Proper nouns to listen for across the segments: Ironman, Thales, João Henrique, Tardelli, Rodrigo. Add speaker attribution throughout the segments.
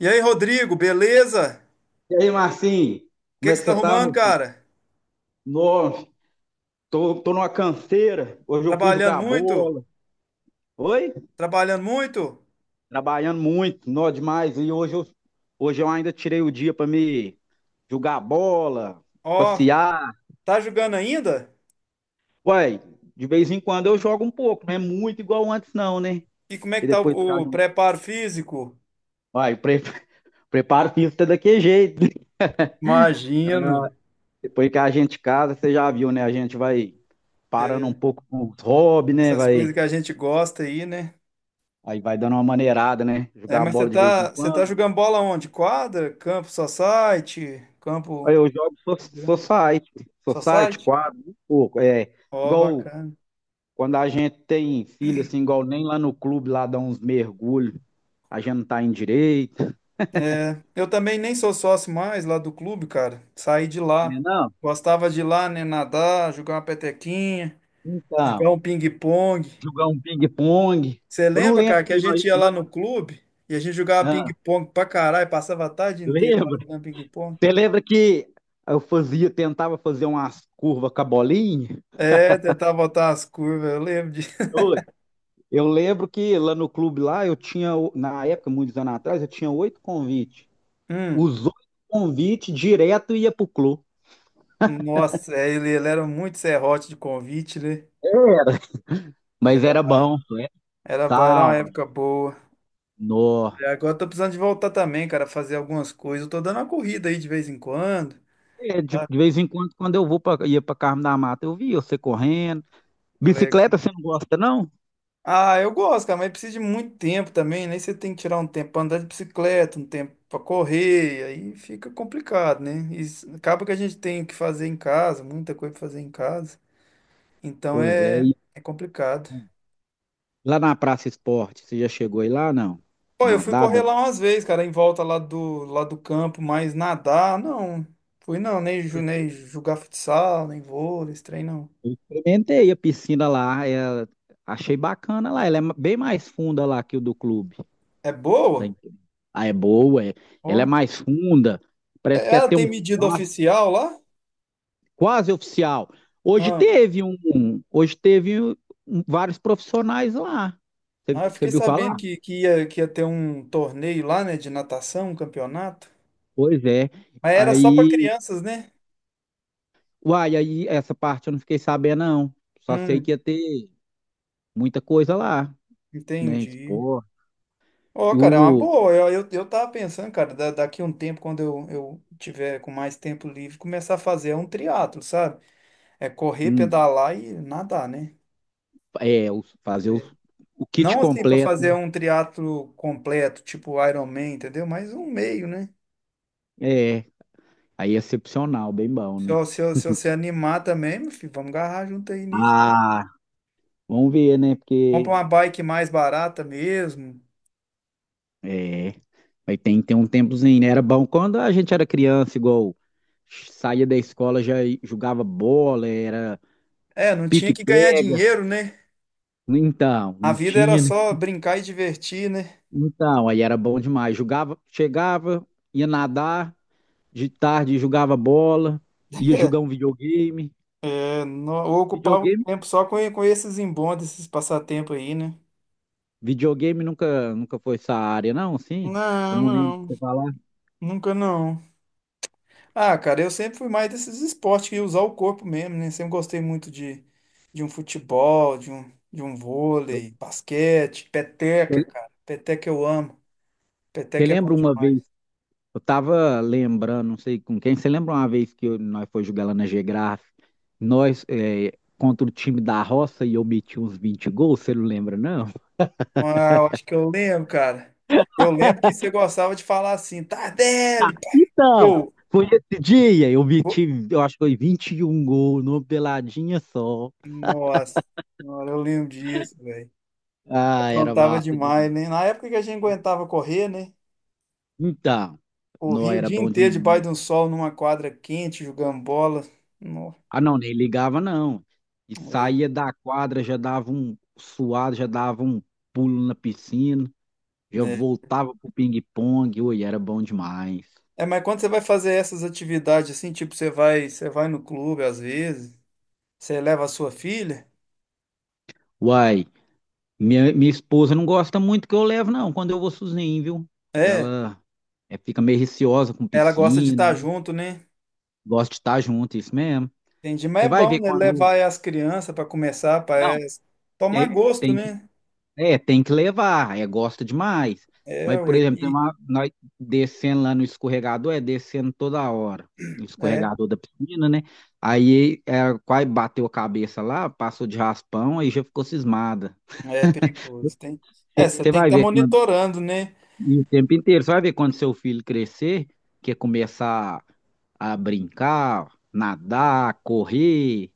Speaker 1: E aí, Rodrigo, beleza?
Speaker 2: E aí, Marcinho,
Speaker 1: O que
Speaker 2: como é
Speaker 1: que
Speaker 2: que
Speaker 1: você tá
Speaker 2: você tá,
Speaker 1: arrumando,
Speaker 2: meu filho?
Speaker 1: cara?
Speaker 2: Nossa, tô numa canseira. Hoje eu fui
Speaker 1: Trabalhando
Speaker 2: jogar
Speaker 1: muito?
Speaker 2: bola. Oi?
Speaker 1: Trabalhando muito?
Speaker 2: Trabalhando muito, nó demais. Hoje eu ainda tirei o dia pra me jogar bola,
Speaker 1: Ó,
Speaker 2: passear.
Speaker 1: tá jogando ainda?
Speaker 2: Uai, de vez em quando eu jogo um pouco, não é muito igual antes, não, né?
Speaker 1: E como é
Speaker 2: Que
Speaker 1: que tá
Speaker 2: depois que
Speaker 1: o,
Speaker 2: a
Speaker 1: o
Speaker 2: gente.
Speaker 1: preparo físico?
Speaker 2: Uai, pre... preparo físico é daquele jeito.
Speaker 1: Imagino.
Speaker 2: Depois que a gente casa, você já viu, né? A gente vai parando um pouco com os hobbies, né?
Speaker 1: Essas coisas que
Speaker 2: Vai.
Speaker 1: a gente gosta aí, né?
Speaker 2: Aí vai dando uma maneirada, né?
Speaker 1: É,
Speaker 2: Jogar a
Speaker 1: mas
Speaker 2: bola de vez em
Speaker 1: você tá
Speaker 2: quando.
Speaker 1: jogando bola onde? Quadra? Campo society?
Speaker 2: Aí
Speaker 1: Campo
Speaker 2: eu jogo society, society,
Speaker 1: society?
Speaker 2: quadro, um pouco. É,
Speaker 1: Ó,
Speaker 2: igual
Speaker 1: bacana.
Speaker 2: quando a gente tem filho, assim, igual nem lá no clube, lá dá uns mergulhos, a gente não tá em direito,
Speaker 1: É, eu também nem sou sócio mais lá do clube, cara. Saí de
Speaker 2: né?
Speaker 1: lá.
Speaker 2: Não?
Speaker 1: Gostava de ir lá, né? Nadar, jogar uma petequinha. Jogar
Speaker 2: Então,
Speaker 1: um ping-pong.
Speaker 2: jogar um ping-pong.
Speaker 1: Você
Speaker 2: Eu não
Speaker 1: lembra,
Speaker 2: lembro
Speaker 1: cara, que a
Speaker 2: se
Speaker 1: gente ia lá no clube e a gente jogava
Speaker 2: ah,
Speaker 1: ping-pong pra caralho, passava a tarde inteira lá
Speaker 2: lembra?
Speaker 1: jogando ping-pong?
Speaker 2: Você lembra que eu fazia, tentava fazer umas curvas com a bolinha?
Speaker 1: É, tentava botar as curvas, eu lembro de.
Speaker 2: Eu lembro que lá no clube lá eu tinha, na época, muitos anos atrás, eu tinha oito convites.
Speaker 1: Hum,
Speaker 2: Os oito convites direto ia pro clube.
Speaker 1: nossa, é, ele era muito serrote de convite, né?
Speaker 2: Era.
Speaker 1: É,
Speaker 2: Mas era bom, né?
Speaker 1: era bom, era uma
Speaker 2: Sal,
Speaker 1: época boa. E
Speaker 2: nó.
Speaker 1: agora eu tô precisando de voltar também, cara, fazer algumas coisas. Eu tô dando uma corrida aí de vez em quando.
Speaker 2: É, de vez em quando, quando eu vou pra, ia pra Carmo da Mata, eu via você correndo. Bicicleta você não gosta, não?
Speaker 1: Ah, eu gosto, cara, mas precisa de muito tempo também, né? Aí você tem que tirar um tempo pra andar de bicicleta, um tempo pra correr, aí fica complicado, né? E acaba que a gente tem que fazer em casa, muita coisa pra fazer em casa, então
Speaker 2: Pois é.
Speaker 1: é,
Speaker 2: E
Speaker 1: é complicado.
Speaker 2: lá na Praça Esporte, você já chegou aí lá, não?
Speaker 1: Pô, eu fui correr
Speaker 2: Nadada?
Speaker 1: lá umas vezes, cara, em volta lá do campo, mas nadar, não. Fui não,
Speaker 2: Eu
Speaker 1: nem jogar futsal, nem vôlei, esse trem não.
Speaker 2: experimentei a piscina lá, é, achei bacana lá. Ela é bem mais funda lá que o do clube.
Speaker 1: É
Speaker 2: Da
Speaker 1: boa?
Speaker 2: empresa. Ah, é boa, ela é
Speaker 1: Ó.
Speaker 2: mais funda, parece
Speaker 1: É-
Speaker 2: que é
Speaker 1: Ela
Speaker 2: ter
Speaker 1: tem
Speaker 2: um
Speaker 1: medida oficial lá?
Speaker 2: quase oficial. Hoje
Speaker 1: Ah.
Speaker 2: teve um, hoje teve um, vários profissionais lá.
Speaker 1: Ah,
Speaker 2: Você
Speaker 1: eu
Speaker 2: você
Speaker 1: fiquei
Speaker 2: viu
Speaker 1: sabendo
Speaker 2: falar?
Speaker 1: que ia ter um torneio lá, né, de natação, um campeonato.
Speaker 2: Pois é.
Speaker 1: Mas era só para
Speaker 2: Aí,
Speaker 1: crianças, né?
Speaker 2: uai, aí essa parte eu não fiquei sabendo, não. Só sei
Speaker 1: Hum,
Speaker 2: que ia ter muita coisa lá, né?
Speaker 1: entendi.
Speaker 2: Esporte.
Speaker 1: Ó,
Speaker 2: E
Speaker 1: cara, é uma
Speaker 2: o,
Speaker 1: boa. Eu tava pensando, cara, daqui a um tempo, quando eu tiver com mais tempo livre, começar a fazer um triatlo, sabe? É correr,
Speaker 2: hum,
Speaker 1: pedalar e nadar, né?
Speaker 2: é, fazer o kit
Speaker 1: Não assim para
Speaker 2: completo,
Speaker 1: fazer
Speaker 2: né?
Speaker 1: um triatlo completo, tipo Ironman, entendeu? Mas um meio, né?
Speaker 2: É, aí é excepcional, bem bom,
Speaker 1: Se,
Speaker 2: né?
Speaker 1: eu- se, eu- se você animar também, meu filho, vamos agarrar junto aí nisso.
Speaker 2: Ah, vamos ver, né?
Speaker 1: Compra
Speaker 2: Porque
Speaker 1: uma bike mais barata mesmo.
Speaker 2: é, mas tem um tempozinho, né? Era bom quando a gente era criança, igual saía da escola, já jogava bola, era
Speaker 1: É, não tinha que ganhar
Speaker 2: pique-pega.
Speaker 1: dinheiro, né?
Speaker 2: Então,
Speaker 1: A
Speaker 2: não
Speaker 1: vida era
Speaker 2: tinha, né?
Speaker 1: só brincar e divertir, né?
Speaker 2: Então, aí era bom demais. Jogava, chegava, ia nadar, de tarde jogava bola, ia jogar um videogame.
Speaker 1: É, nó- eu ocupava o
Speaker 2: Videogame,
Speaker 1: tempo só com esses embondes, esses passatempos aí, né?
Speaker 2: videogame nunca foi essa área, não, sim. Eu
Speaker 1: Não,
Speaker 2: não lembro de
Speaker 1: não,
Speaker 2: você falar.
Speaker 1: nunca não. Ah, cara, eu sempre fui mais desses esportes que usar o corpo mesmo, né? Sempre gostei muito de um futebol, de um
Speaker 2: Eu-
Speaker 1: vôlei, basquete, peteca,
Speaker 2: Você
Speaker 1: cara. Peteca eu amo.
Speaker 2: você
Speaker 1: Peteca é bom
Speaker 2: lembra uma vez?
Speaker 1: demais.
Speaker 2: Eu tava lembrando, não sei com quem, você lembra uma vez que nós foi jogar lá na Gegraf, nós é, contra o time da roça e eu meti uns 20 gols, você não lembra, não?
Speaker 1: Ah, eu acho que eu lembro, cara. Eu lembro que você gostava de falar assim, Tardelli,
Speaker 2: Então, foi esse dia, eu
Speaker 1: pô.
Speaker 2: meti, eu acho que foi 21 gols numa peladinha só.
Speaker 1: Nossa senhora, eu lembro disso, velho.
Speaker 2: Ah, era
Speaker 1: Aprontava
Speaker 2: massa
Speaker 1: demais,
Speaker 2: demais.
Speaker 1: né? Na época que a gente aguentava correr, né?
Speaker 2: Então, não
Speaker 1: Corria o
Speaker 2: era
Speaker 1: dia
Speaker 2: bom
Speaker 1: inteiro debaixo
Speaker 2: demais.
Speaker 1: de um sol, numa quadra quente, jogando bola. Nossa,
Speaker 2: Ah, não, nem ligava não. E
Speaker 1: é,
Speaker 2: saía da quadra, já dava um suado, já dava um pulo na piscina. Eu
Speaker 1: né?
Speaker 2: voltava pro ping-pong, ui, era bom demais.
Speaker 1: É, mas quando você vai fazer essas atividades assim, tipo, você vai no clube às vezes, você leva a sua filha,
Speaker 2: Uai, minha esposa não gosta muito que eu levo, não, quando eu vou sozinho, viu?
Speaker 1: é,
Speaker 2: Ela é, fica meio receosa com
Speaker 1: ela gosta de estar
Speaker 2: piscina,
Speaker 1: junto, né?
Speaker 2: gosta de estar junto, isso mesmo.
Speaker 1: Entendi, mas
Speaker 2: Você
Speaker 1: é
Speaker 2: vai
Speaker 1: bom,
Speaker 2: ver
Speaker 1: né?
Speaker 2: quando.
Speaker 1: Levar as crianças para começar,
Speaker 2: Não,
Speaker 1: para tomar
Speaker 2: tem,
Speaker 1: gosto,
Speaker 2: tem,
Speaker 1: né?
Speaker 2: é, tem que levar, é, gosta demais.
Speaker 1: É,
Speaker 2: Mas, por
Speaker 1: ué,
Speaker 2: exemplo, tem
Speaker 1: e-
Speaker 2: uma, nós descendo lá no escorregador, é descendo toda hora, no
Speaker 1: é,
Speaker 2: escorregador da piscina, né? Aí ela quase bateu a cabeça lá, passou de raspão, aí já ficou cismada.
Speaker 1: é perigoso. Tem... É, você
Speaker 2: Você
Speaker 1: tem que
Speaker 2: vai
Speaker 1: estar
Speaker 2: ver quando-
Speaker 1: monitorando, né?
Speaker 2: e o tempo inteiro, você vai ver quando seu filho crescer, que é começar a brincar, nadar, correr,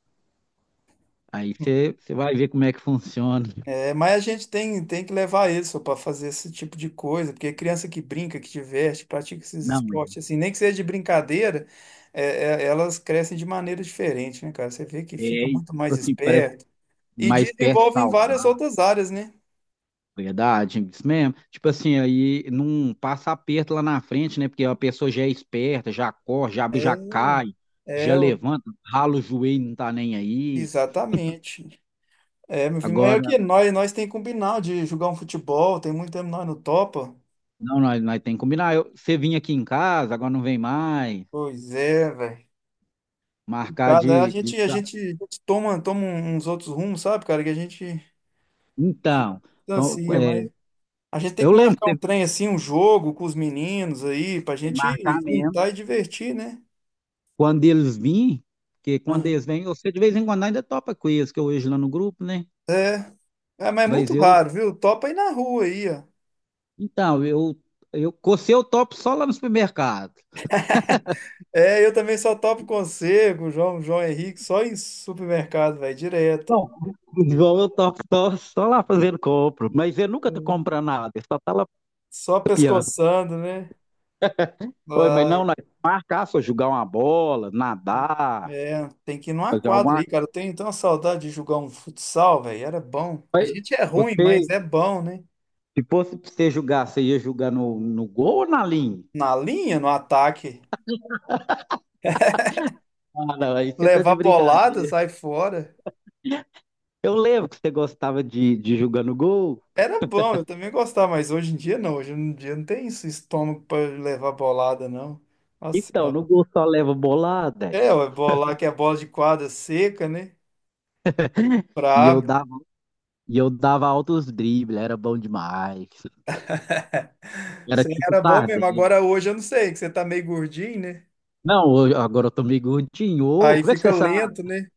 Speaker 2: aí você vai ver como é que funciona.
Speaker 1: É, mas a gente tem que levar isso para fazer esse tipo de coisa, porque criança que brinca, que diverte, pratica esses
Speaker 2: Não, mas
Speaker 1: esportes, assim, nem que seja de brincadeira, é, é, elas crescem de maneira diferente, né, cara? Você vê que fica
Speaker 2: é,
Speaker 1: muito
Speaker 2: tipo
Speaker 1: mais
Speaker 2: assim, parece
Speaker 1: esperto e
Speaker 2: mais perto
Speaker 1: desenvolve em várias
Speaker 2: saudável,
Speaker 1: outras áreas, né?
Speaker 2: verdade, é isso mesmo. Tipo assim, aí não passa aperto lá na frente, né? Porque a pessoa já é esperta, já corre, já
Speaker 1: É,
Speaker 2: cai, já
Speaker 1: é,
Speaker 2: levanta, rala o joelho, não tá nem aí.
Speaker 1: exatamente. É, meu filho, mas é que
Speaker 2: Agora,
Speaker 1: nós tem que combinar de jogar um futebol, tem muito tempo nós no topa.
Speaker 2: não, nós tem que combinar. Você vinha aqui em casa, agora não vem mais.
Speaker 1: Pois é, velho.
Speaker 2: Marcar
Speaker 1: Cara,
Speaker 2: de, de-
Speaker 1: a gente toma uns outros rumos, sabe, cara, que a gente se
Speaker 2: Então, então,
Speaker 1: distancia,
Speaker 2: é,
Speaker 1: mas a gente tem
Speaker 2: eu
Speaker 1: que
Speaker 2: lembro que
Speaker 1: marcar um
Speaker 2: teve
Speaker 1: trem assim, um jogo com os meninos aí, pra
Speaker 2: que
Speaker 1: gente
Speaker 2: marcar mesmo.
Speaker 1: juntar e divertir, né?
Speaker 2: Quando eles vêm, porque quando eles
Speaker 1: Aham.
Speaker 2: vêm, você de vez em quando ainda topa com eles, que eu hoje lá no grupo, né?
Speaker 1: É, é, mas é
Speaker 2: Mas
Speaker 1: muito raro, viu? Topa aí na rua aí, ó.
Speaker 2: então, eu, eu, com você eu topo só lá no supermercado.
Speaker 1: É, eu também só topo com você, João Henrique, só em supermercado, velho, direto.
Speaker 2: Não, o João eu topo só, só lá fazendo compra, mas ele nunca tá
Speaker 1: Hum.
Speaker 2: comprando nada, ele só tá lá
Speaker 1: Só
Speaker 2: piano.
Speaker 1: pescoçando, né?
Speaker 2: Oi, mas
Speaker 1: Ah,
Speaker 2: não, nós marcar, só jogar uma bola, nadar,
Speaker 1: é, tem que ir numa
Speaker 2: fazer
Speaker 1: quadra aí,
Speaker 2: alguma
Speaker 1: cara. Eu tenho tanta saudade de jogar um futsal, velho. Era bom. A
Speaker 2: coisa.
Speaker 1: gente é ruim, mas
Speaker 2: Você
Speaker 1: é bom, né?
Speaker 2: Se fosse pra você julgar, você ia julgar no, no gol ou na linha?
Speaker 1: Na linha, no ataque,
Speaker 2: Ah, não, aí você tá de
Speaker 1: levar bolada,
Speaker 2: brincadeira.
Speaker 1: sai fora.
Speaker 2: Eu lembro que você gostava de julgar no gol.
Speaker 1: Era bom, eu também gostava, mas hoje em dia não. Hoje em dia não tem esse estômago pra levar bolada, não. Nossa
Speaker 2: Então,
Speaker 1: senhora.
Speaker 2: no gol só leva bolada.
Speaker 1: É, ué, bolar que é bola de quadra seca, né?
Speaker 2: E eu
Speaker 1: Brabo.
Speaker 2: dava, e eu dava altos dribles, era bom demais. Era
Speaker 1: Você
Speaker 2: tipo
Speaker 1: era bom mesmo.
Speaker 2: Tardelli.
Speaker 1: Agora hoje eu não sei, que você tá meio gordinho, né?
Speaker 2: Não, agora eu tô meio gordinho. Ô,
Speaker 1: Aí
Speaker 2: como é que
Speaker 1: fica
Speaker 2: você sabe?
Speaker 1: lento, né?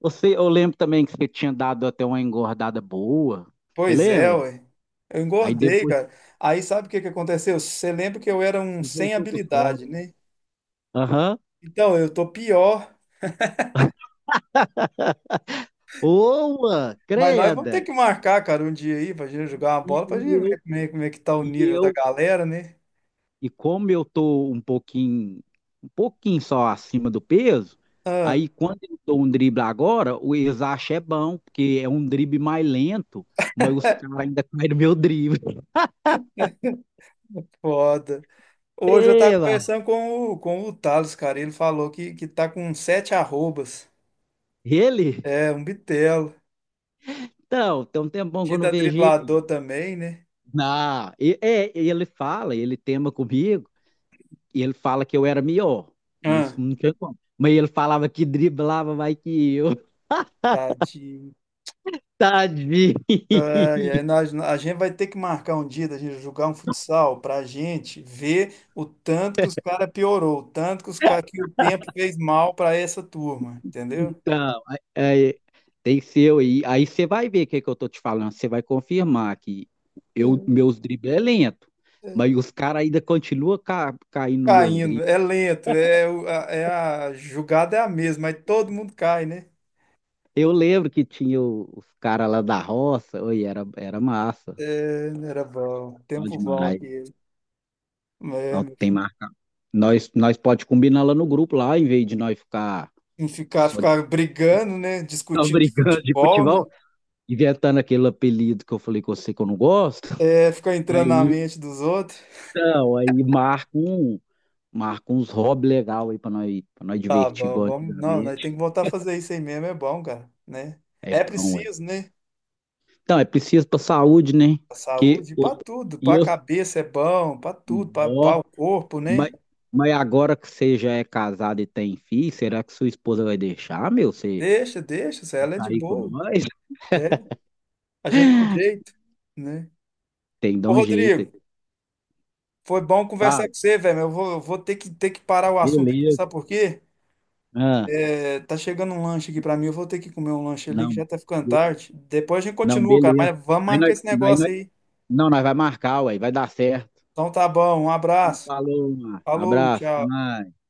Speaker 2: Você, eu lembro também que você tinha dado até uma engordada boa. Você
Speaker 1: Pois é,
Speaker 2: lembra?
Speaker 1: ué. Eu
Speaker 2: Aí
Speaker 1: engordei,
Speaker 2: depois
Speaker 1: cara. Aí sabe o que que aconteceu? Você lembra que eu era um
Speaker 2: você
Speaker 1: sem
Speaker 2: voltou com os
Speaker 1: habilidade,
Speaker 2: hobbies.
Speaker 1: né?
Speaker 2: Aham.
Speaker 1: Então, eu tô pior,
Speaker 2: Boa,
Speaker 1: mas nós vamos ter
Speaker 2: creda.
Speaker 1: que marcar, cara, um dia aí pra gente jogar uma
Speaker 2: E,
Speaker 1: bola, pra
Speaker 2: e
Speaker 1: gente ver
Speaker 2: eu,
Speaker 1: como é que tá o
Speaker 2: E
Speaker 1: nível da
Speaker 2: eu,
Speaker 1: galera, né?
Speaker 2: e como eu tô um pouquinho só acima do peso,
Speaker 1: Ah,
Speaker 2: aí quando eu dou um drible agora, o Exache é bom, porque é um drible mais lento, mas os caras ainda caem no meu drible.
Speaker 1: foda. Hoje eu tava
Speaker 2: Eba!
Speaker 1: conversando com o Thales, cara. Ele falou que tá com 7 arrobas.
Speaker 2: Ele?
Speaker 1: É, um bitelo.
Speaker 2: Então, tem um tempão que eu não
Speaker 1: Tita
Speaker 2: vejo
Speaker 1: driblador
Speaker 2: ele.
Speaker 1: também, né?
Speaker 2: Não, é, ele fala, ele tema comigo, e ele fala que eu era melhor.
Speaker 1: Ah,
Speaker 2: Isso não tinha como. Mas ele falava que driblava mais que eu.
Speaker 1: tadinho.
Speaker 2: Tadinho!
Speaker 1: A gente vai ter que marcar um dia da gente jogar um futsal para a gente ver o tanto que os caras piorou, o tanto que que o tempo fez mal para essa turma, entendeu?
Speaker 2: Então, é, tem que ser aí. Aí você vai ver que eu tô te falando. Você vai confirmar que eu,
Speaker 1: Hum,
Speaker 2: meus dribles é lento,
Speaker 1: hum.
Speaker 2: mas os caras ainda continuam caindo nos meus
Speaker 1: Caindo,
Speaker 2: dribles.
Speaker 1: é lento, é, é a jogada é a mesma, mas todo mundo cai, né?
Speaker 2: Eu lembro que tinha os caras lá da roça, oi, era, era massa.
Speaker 1: É, não era bom,
Speaker 2: Não
Speaker 1: tempo bom
Speaker 2: demais.
Speaker 1: aqui. É,
Speaker 2: Não,
Speaker 1: meu
Speaker 2: tem
Speaker 1: filho.
Speaker 2: marca. Nós pode combinar lá no grupo, lá, em vez de nós ficar
Speaker 1: E
Speaker 2: só, de,
Speaker 1: ficar brigando, né?
Speaker 2: só
Speaker 1: Discutindo de
Speaker 2: brigando de
Speaker 1: futebol, né?
Speaker 2: futebol, inventando aquele apelido que eu falei com você que eu não gosto.
Speaker 1: É, ficar entrando na
Speaker 2: Aí,
Speaker 1: mente dos outros.
Speaker 2: então, aí marca um. Marca uns hobby legal aí pra nós
Speaker 1: Tá
Speaker 2: divertir
Speaker 1: bom,
Speaker 2: igual
Speaker 1: vamos. Não, nós
Speaker 2: antigamente.
Speaker 1: tem que voltar a fazer isso aí mesmo, é bom, cara, né?
Speaker 2: É
Speaker 1: É
Speaker 2: bom, aí.
Speaker 1: preciso, né?
Speaker 2: Então, é preciso pra saúde, né?
Speaker 1: Pra
Speaker 2: Que
Speaker 1: saúde, pra
Speaker 2: o-
Speaker 1: tudo,
Speaker 2: e
Speaker 1: pra
Speaker 2: eu,
Speaker 1: cabeça é bom, pra tudo,
Speaker 2: ó,
Speaker 1: pra o corpo, né?
Speaker 2: mas, mas agora que você já é casado e tem filho, será que sua esposa vai deixar, meu? Você
Speaker 1: Deixa, deixa, se ela é de
Speaker 2: sair com
Speaker 1: boa.
Speaker 2: nós?
Speaker 1: É, a gente dá um jeito, né?
Speaker 2: Tem que dar
Speaker 1: Ô,
Speaker 2: um jeito. Aí.
Speaker 1: Rodrigo, foi bom conversar
Speaker 2: Fala,
Speaker 1: com você, velho, mas eu vou ter ter que parar o assunto aqui,
Speaker 2: beleza.
Speaker 1: sabe por quê?
Speaker 2: Ah,
Speaker 1: É, tá chegando um lanche aqui pra mim, eu vou ter que comer um lanche ali que
Speaker 2: não,
Speaker 1: já tá ficando
Speaker 2: be-
Speaker 1: tarde. Depois a gente
Speaker 2: não,
Speaker 1: continua, cara,
Speaker 2: beleza.
Speaker 1: mas vamos
Speaker 2: Aí
Speaker 1: marcar
Speaker 2: nós,
Speaker 1: esse
Speaker 2: aí nós,
Speaker 1: negócio aí.
Speaker 2: não, nós vai marcar, ué, vai dar certo.
Speaker 1: Então tá bom, um
Speaker 2: Então,
Speaker 1: abraço.
Speaker 2: falou, Márcio.
Speaker 1: Falou,
Speaker 2: Abraço, até
Speaker 1: tchau.
Speaker 2: mais.